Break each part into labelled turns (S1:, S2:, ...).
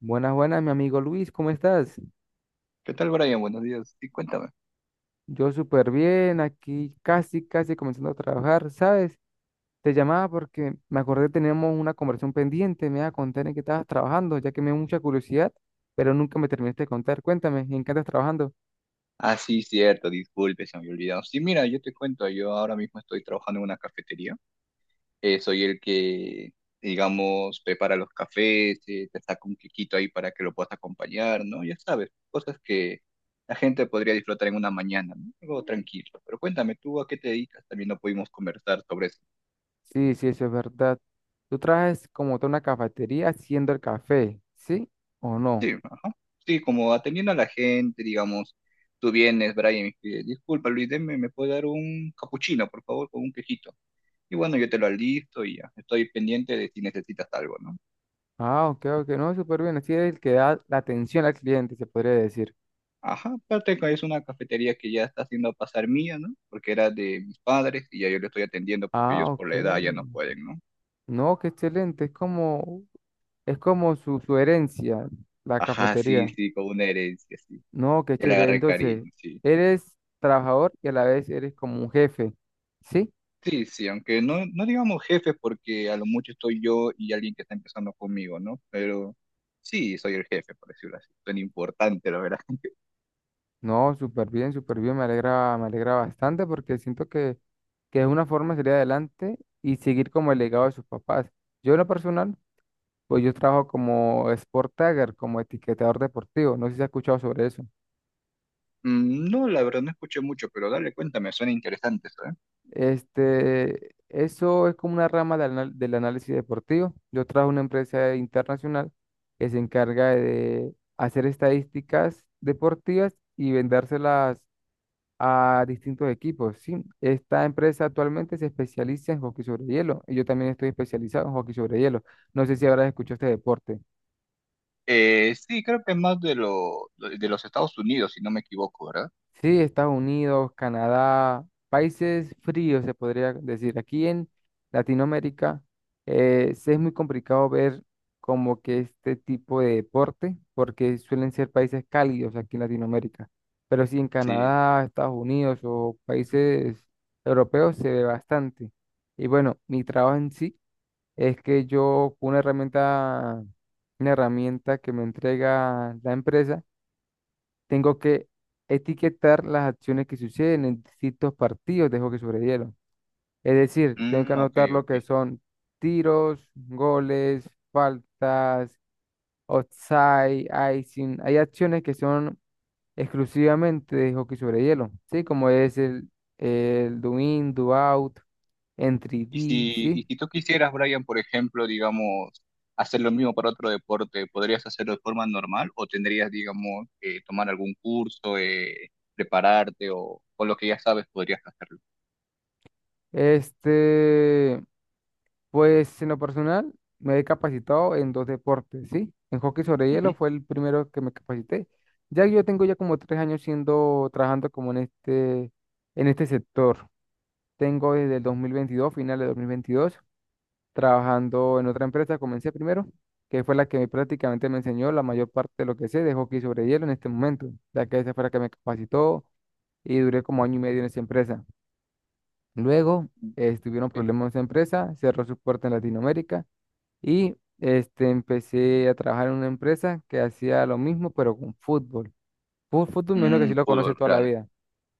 S1: Buenas, buenas, mi amigo Luis, ¿cómo estás?
S2: ¿Qué tal, Brian? Buenos días. Sí, cuéntame.
S1: Yo súper bien, aquí casi, casi comenzando a trabajar, ¿sabes? Te llamaba porque me acordé que teníamos una conversación pendiente, me ibas a contar en qué estabas trabajando, ya que me dio mucha curiosidad, pero nunca me terminaste de contar. Cuéntame, ¿en qué estás trabajando?
S2: Ah, sí, cierto, disculpe, se me había olvidado. Sí, mira, yo te cuento, yo ahora mismo estoy trabajando en una cafetería. Soy el que, digamos, prepara los cafés, te saca un quequito ahí para que lo puedas acompañar, ¿no? Ya sabes, cosas que la gente podría disfrutar en una mañana, ¿no? Algo tranquilo. Pero cuéntame, ¿tú a qué te dedicas? También no pudimos conversar sobre eso.
S1: Sí, sí, eso es verdad. Tú trabajas como toda una cafetería haciendo el café, ¿sí o no?
S2: Sí, ajá. Sí, como atendiendo a la gente, digamos. Tú vienes, Brian, y me pides, disculpa, Luis, deme, ¿me puede dar un capuchino, por favor, con un quejito? Y bueno, yo te lo alisto y ya. Estoy pendiente de si necesitas algo, ¿no?
S1: Ah, ok, ok, no, súper bien, así es el que da la atención al cliente, se podría decir.
S2: Ajá, aparte que es una cafetería que ya está haciendo pasar mía, ¿no? Porque era de mis padres y ya yo le estoy atendiendo porque
S1: Ah,
S2: ellos por
S1: ok.
S2: la edad ya no pueden, ¿no?
S1: No, qué excelente. Es como su herencia, la
S2: Ajá, sí,
S1: cafetería.
S2: sí, con una herencia, sí.
S1: No, qué
S2: Ya le
S1: chévere.
S2: agarré
S1: Entonces,
S2: cariño, sí.
S1: eres trabajador y a la vez eres como un jefe. ¿Sí?
S2: Sí, sí, aunque no, no digamos jefes porque a lo mucho estoy yo y alguien que está empezando conmigo, ¿no? Pero sí, soy el jefe, por decirlo así. Suena importante, la verdad.
S1: No, súper bien, súper bien. Me alegra bastante porque siento que es una forma de salir adelante y seguir como el legado de sus papás. Yo en lo personal, pues yo trabajo como sport tagger, como etiquetador deportivo. No sé si has escuchado sobre eso.
S2: Mm, no, la verdad, no escuché mucho, pero dale, cuéntame, suena interesante eso, ¿eh?
S1: Este, eso es como una rama del análisis deportivo. Yo trabajo en una empresa internacional que se encarga de hacer estadísticas deportivas y vendérselas a distintos equipos, ¿sí? Esta empresa actualmente se especializa en hockey sobre hielo y yo también estoy especializado en hockey sobre hielo. No sé si habrás escuchado este deporte.
S2: Sí, creo que es más de, lo, de los Estados Unidos, si no me equivoco, ¿verdad?
S1: Sí, Estados Unidos, Canadá, países fríos se podría decir. Aquí en Latinoamérica sí es muy complicado ver como que este tipo de deporte, porque suelen ser países cálidos aquí en Latinoamérica. Pero sí en
S2: Sí.
S1: Canadá, Estados Unidos o países europeos se ve bastante. Y bueno, mi trabajo en sí es que yo, con una herramienta que me entrega la empresa, tengo que etiquetar las acciones que suceden en distintos partidos de hockey sobre hielo. Es decir, tengo que
S2: Mm, ok,
S1: anotar lo que
S2: ok.
S1: son tiros, goles, faltas, offside, icing. Hay acciones que son exclusivamente de hockey sobre hielo, ¿sí? Como es el do in, do out, entry D, ¿sí?
S2: Y si tú quisieras, Brian, por ejemplo, digamos, hacer lo mismo para otro deporte, ¿podrías hacerlo de forma normal o tendrías, digamos, que tomar algún curso, prepararte o con lo que ya sabes podrías hacerlo?
S1: Este, pues en lo personal me he capacitado en dos deportes, ¿sí? En hockey sobre
S2: Ujú.
S1: hielo fue el primero que me capacité. Ya yo tengo ya como 3 años siendo, trabajando como en este sector. Tengo desde el 2022 final de 2022 trabajando en otra empresa. Comencé primero, que fue la que prácticamente me enseñó la mayor parte de lo que sé de hockey sobre hielo en este momento, ya que esa fue la que me capacitó y duré como 1 año y medio en esa empresa. Luego, tuvieron
S2: Ok.
S1: problemas en esa empresa, cerró su puerta en Latinoamérica y este, empecé a trabajar en una empresa que hacía lo mismo, pero con fútbol. Fútbol, menos que sí
S2: Mm,
S1: lo conoce
S2: fútbol,
S1: toda la
S2: claro.
S1: vida.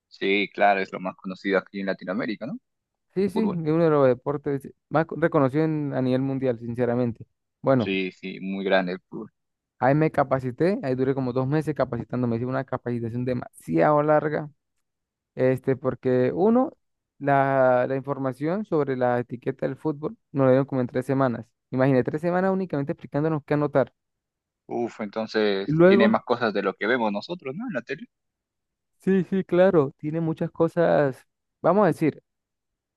S2: Sí, claro, es lo más conocido aquí en Latinoamérica, ¿no?
S1: Sí, sí, es
S2: Fútbol.
S1: uno de los deportes más reconocido a nivel mundial, sinceramente. Bueno,
S2: Sí, sí, muy grande el fútbol.
S1: ahí me capacité, ahí duré como 2 meses capacitándome. Hice una capacitación demasiado larga, este, porque uno, la información sobre la etiqueta del fútbol nos la dieron como en 3 semanas. Imagínate, 3 semanas únicamente explicándonos qué anotar.
S2: Uf,
S1: Y
S2: entonces tiene
S1: luego
S2: más cosas de lo que vemos nosotros, ¿no? En la tele.
S1: sí, sí, claro, tiene muchas cosas, vamos a decir,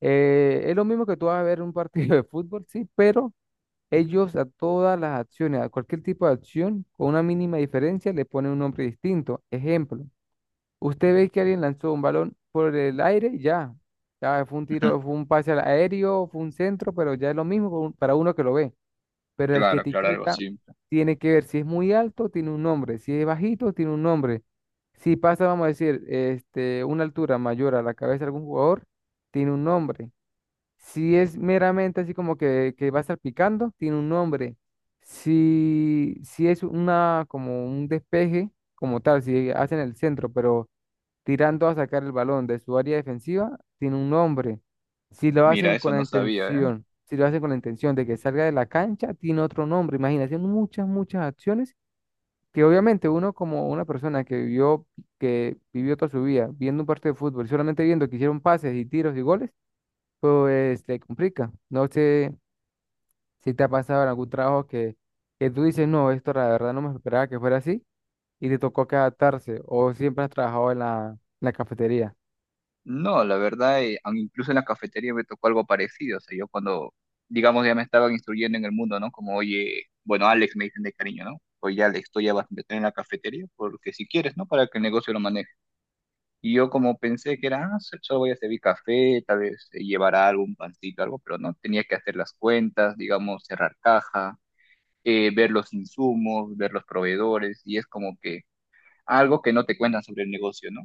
S1: es lo mismo que tú vas a ver un partido de fútbol, sí, pero ellos a todas las acciones, a cualquier tipo de acción, con una mínima diferencia, le ponen un nombre distinto. Ejemplo, usted ve que alguien lanzó un balón por el aire, y ya, ya fue un tiro, fue un pase al aéreo, fue un centro, pero ya es lo mismo para uno que lo ve pero el que
S2: Claro, claro, algo
S1: etiqueta
S2: simple.
S1: tiene que ver si es muy alto, tiene un nombre, si es bajito, tiene un nombre. Si pasa, vamos a decir, este, una altura mayor a la cabeza de algún jugador, tiene un nombre. Si es meramente así como que va a estar picando, tiene un nombre. Si, si es una, como un despeje, como tal, si hacen el centro, pero tirando a sacar el balón de su área defensiva, tiene un nombre. Si lo
S2: Mira,
S1: hacen con
S2: eso
S1: la
S2: no sabía, ¿eh?
S1: intención, si lo hacen con la intención de que salga de la cancha, tiene otro nombre. Imagínate, muchas, muchas acciones que obviamente uno como una persona que vivió toda su vida viendo un partido de fútbol, solamente viendo que hicieron pases y tiros y goles, pues le complica. No sé si te ha pasado en algún trabajo que tú dices, no, esto la verdad no me esperaba que fuera así y te tocó que adaptarse o siempre has trabajado en la cafetería.
S2: No, la verdad, incluso en la cafetería me tocó algo parecido. O sea, yo cuando, digamos, ya me estaban instruyendo en el mundo, ¿no? Como, oye, bueno, Alex me dicen de cariño, ¿no? Oye, Alex, tú ya vas a meter en la cafetería porque si quieres, ¿no? Para que el negocio lo maneje. Y yo como pensé que era, ah, solo voy a servir café, tal vez llevará algo, pancito, algo, pero no, tenía que hacer las cuentas, digamos, cerrar caja, ver los insumos, ver los proveedores, y es como que algo que no te cuentan sobre el negocio, ¿no?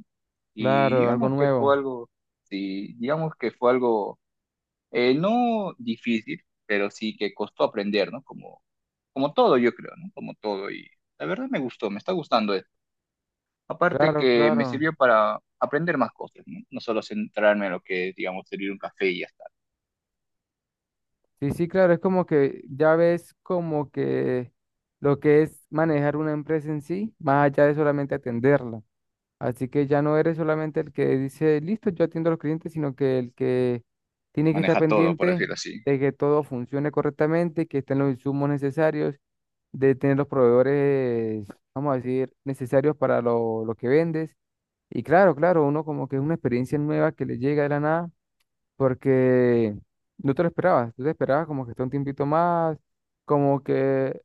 S2: Y
S1: Claro, algo
S2: digamos que fue
S1: nuevo.
S2: algo, sí, digamos que fue algo, no difícil, pero sí que costó aprender, ¿no? Como, como todo, yo creo, ¿no? Como todo, y la verdad me gustó, me está gustando esto. Aparte
S1: Claro,
S2: que me
S1: claro.
S2: sirvió para aprender más cosas, ¿no? No solo centrarme en lo que es, digamos, servir un café y ya está.
S1: Sí, sí, claro, es como que ya ves como que lo que es manejar una empresa en sí, más allá de solamente atenderla. Así que ya no eres solamente el que dice, listo, yo atiendo a los clientes, sino que el que tiene que estar
S2: Maneja todo, por
S1: pendiente
S2: decirlo así.
S1: de que todo funcione correctamente, que estén los insumos necesarios, de tener los proveedores, vamos a decir, necesarios para lo que vendes. Y claro, claro, uno como que es una experiencia nueva que le llega de la nada porque no te lo esperabas, tú te esperabas como que esté un tiempito más, como que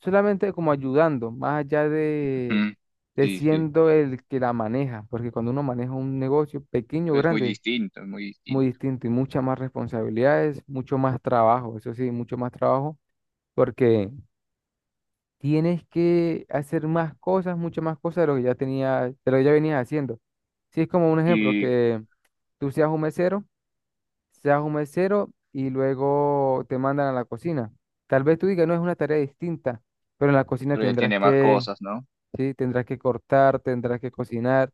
S1: solamente como ayudando, más allá de,
S2: Ujú. Sí, sí.
S1: siendo el que la maneja, porque cuando uno maneja un negocio pequeño o
S2: Es muy
S1: grande,
S2: distinto, es muy
S1: muy
S2: distinto.
S1: distinto y muchas más responsabilidades, mucho más trabajo, eso sí, mucho más trabajo, porque tienes que hacer más cosas, muchas más cosas de lo que ya tenía, de lo que ya venías haciendo. Si es como un ejemplo
S2: Y
S1: que tú seas un mesero y luego te mandan a la cocina. Tal vez tú digas, no es una tarea distinta, pero en la cocina
S2: pero ya
S1: tendrás
S2: tiene más
S1: que,
S2: cosas, ¿no?
S1: sí, tendrás que cortar, tendrás que cocinar,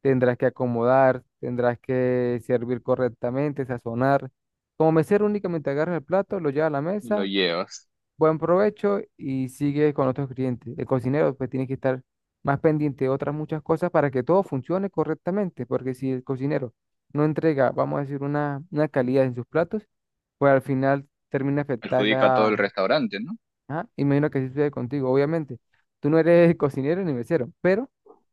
S1: tendrás que acomodar, tendrás que servir correctamente, sazonar. Como mesero únicamente agarras el plato, lo llevas a la
S2: Y lo
S1: mesa
S2: llevas.
S1: buen provecho y sigue con otros clientes. El cocinero pues tiene que estar más pendiente de otras muchas cosas para que todo funcione correctamente, porque si el cocinero no entrega, vamos a decir, una calidad en sus platos, pues al final termina afectar
S2: Perjudica a todo el
S1: la...
S2: restaurante, ¿no?
S1: Ah, imagino que así sucede contigo, obviamente. Tú no eres el cocinero ni mesero, pero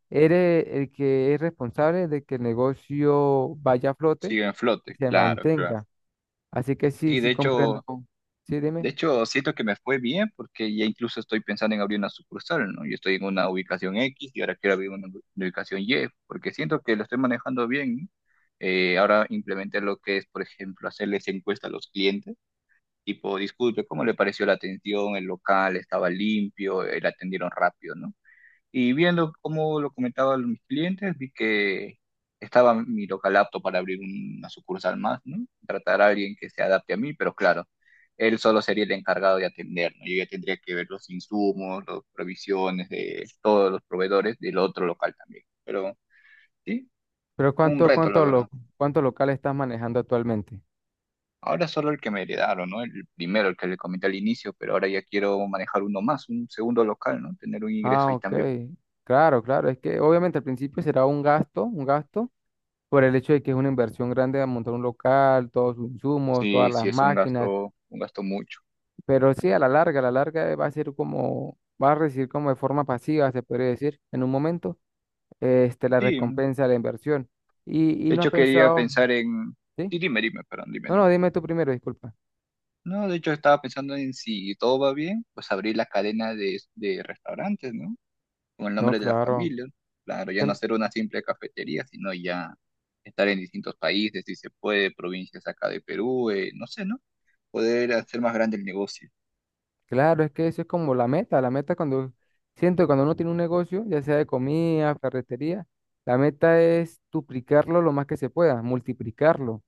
S1: eres el que es responsable de que el negocio vaya a flote
S2: Sigue en
S1: y
S2: flote,
S1: se
S2: claro, claro.
S1: mantenga. Así que sí,
S2: Sí,
S1: sí comprendo. Sí,
S2: de
S1: dime.
S2: hecho, siento que me fue bien porque ya incluso estoy pensando en abrir una sucursal, ¿no? Yo estoy en una ubicación X y ahora quiero abrir una ubicación Y, porque siento que lo estoy manejando bien, ¿no? Ahora implementé lo que es, por ejemplo, hacerles encuesta a los clientes, tipo, disculpe, ¿cómo le pareció la atención? El local estaba limpio, le atendieron rápido, ¿no? Y viendo cómo lo comentaban mis clientes, vi que estaba mi local apto para abrir una sucursal más, ¿no? Tratar a alguien que se adapte a mí, pero claro, él solo sería el encargado de atender, ¿no? Yo ya tendría que ver los insumos, las provisiones de todos los proveedores del otro local también. Pero sí,
S1: Pero
S2: fue un
S1: ¿cuánto,
S2: reto, la
S1: cuánto, lo,
S2: verdad.
S1: cuánto local estás manejando actualmente?
S2: Ahora solo el que me heredaron, ¿no? El primero, el que le comenté al inicio, pero ahora ya quiero manejar uno más, un segundo local, ¿no? Tener un ingreso
S1: Ah,
S2: ahí
S1: ok.
S2: también.
S1: Claro, claro. Es que obviamente al principio será un gasto, por el hecho de que es una inversión grande de montar un local, todos sus insumos, todas
S2: Sí, sí,
S1: las
S2: es
S1: máquinas.
S2: un gasto mucho.
S1: Pero sí, a la larga va a ser como, va a recibir como de forma pasiva, se podría decir, en un momento, este, la
S2: Sí,
S1: recompensa de la inversión. Y
S2: de
S1: no has
S2: hecho, quería
S1: pensado,
S2: pensar en...
S1: ¿sí?
S2: Sí, dime, dime, perdón, dime,
S1: No, no,
S2: dime.
S1: dime tú primero, disculpa.
S2: No, de hecho, estaba pensando en si todo va bien, pues abrir la cadena de restaurantes, ¿no? Con el
S1: No,
S2: nombre de la
S1: claro.
S2: familia. Claro, ya no ser una simple cafetería, sino ya estar en distintos países, si se puede, provincias acá de Perú, no sé, ¿no? Poder hacer más grande el negocio.
S1: Claro, es que eso es como la meta. La meta cuando siento que cuando uno tiene un negocio, ya sea de comida, ferretería, la meta es duplicarlo lo más que se pueda, multiplicarlo.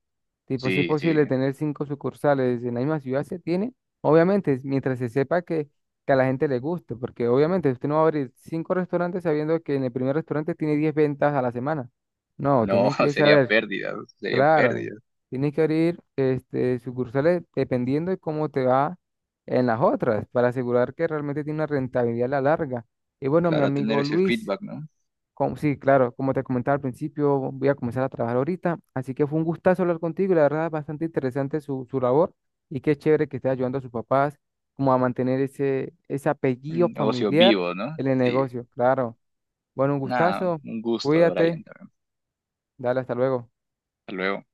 S1: Tipo, si es
S2: Sí, sí.
S1: posible tener cinco sucursales en la misma ciudad, se tiene. Obviamente, mientras se sepa que a la gente le guste, porque obviamente usted no va a abrir cinco restaurantes sabiendo que en el primer restaurante tiene 10 ventas a la semana. No,
S2: No,
S1: tienes que
S2: sería
S1: saber
S2: pérdida, sería
S1: claro,
S2: pérdida.
S1: tienes que abrir este, sucursales dependiendo de cómo te va en las otras, para asegurar que realmente tiene una rentabilidad a la larga. Y bueno, mi
S2: Claro, tener
S1: amigo
S2: ese
S1: Luis,
S2: feedback, ¿no?
S1: sí, claro, como te comentaba al principio, voy a comenzar a trabajar ahorita, así que fue un gustazo hablar contigo y la verdad bastante interesante su labor y qué chévere que esté ayudando a sus papás como a mantener ese apellido
S2: Un negocio
S1: familiar
S2: vivo, ¿no?
S1: en el
S2: Sí.
S1: negocio, claro. Bueno, un
S2: Nada,
S1: gustazo,
S2: un gusto, Brian,
S1: cuídate,
S2: también.
S1: dale, hasta luego.
S2: Hasta luego.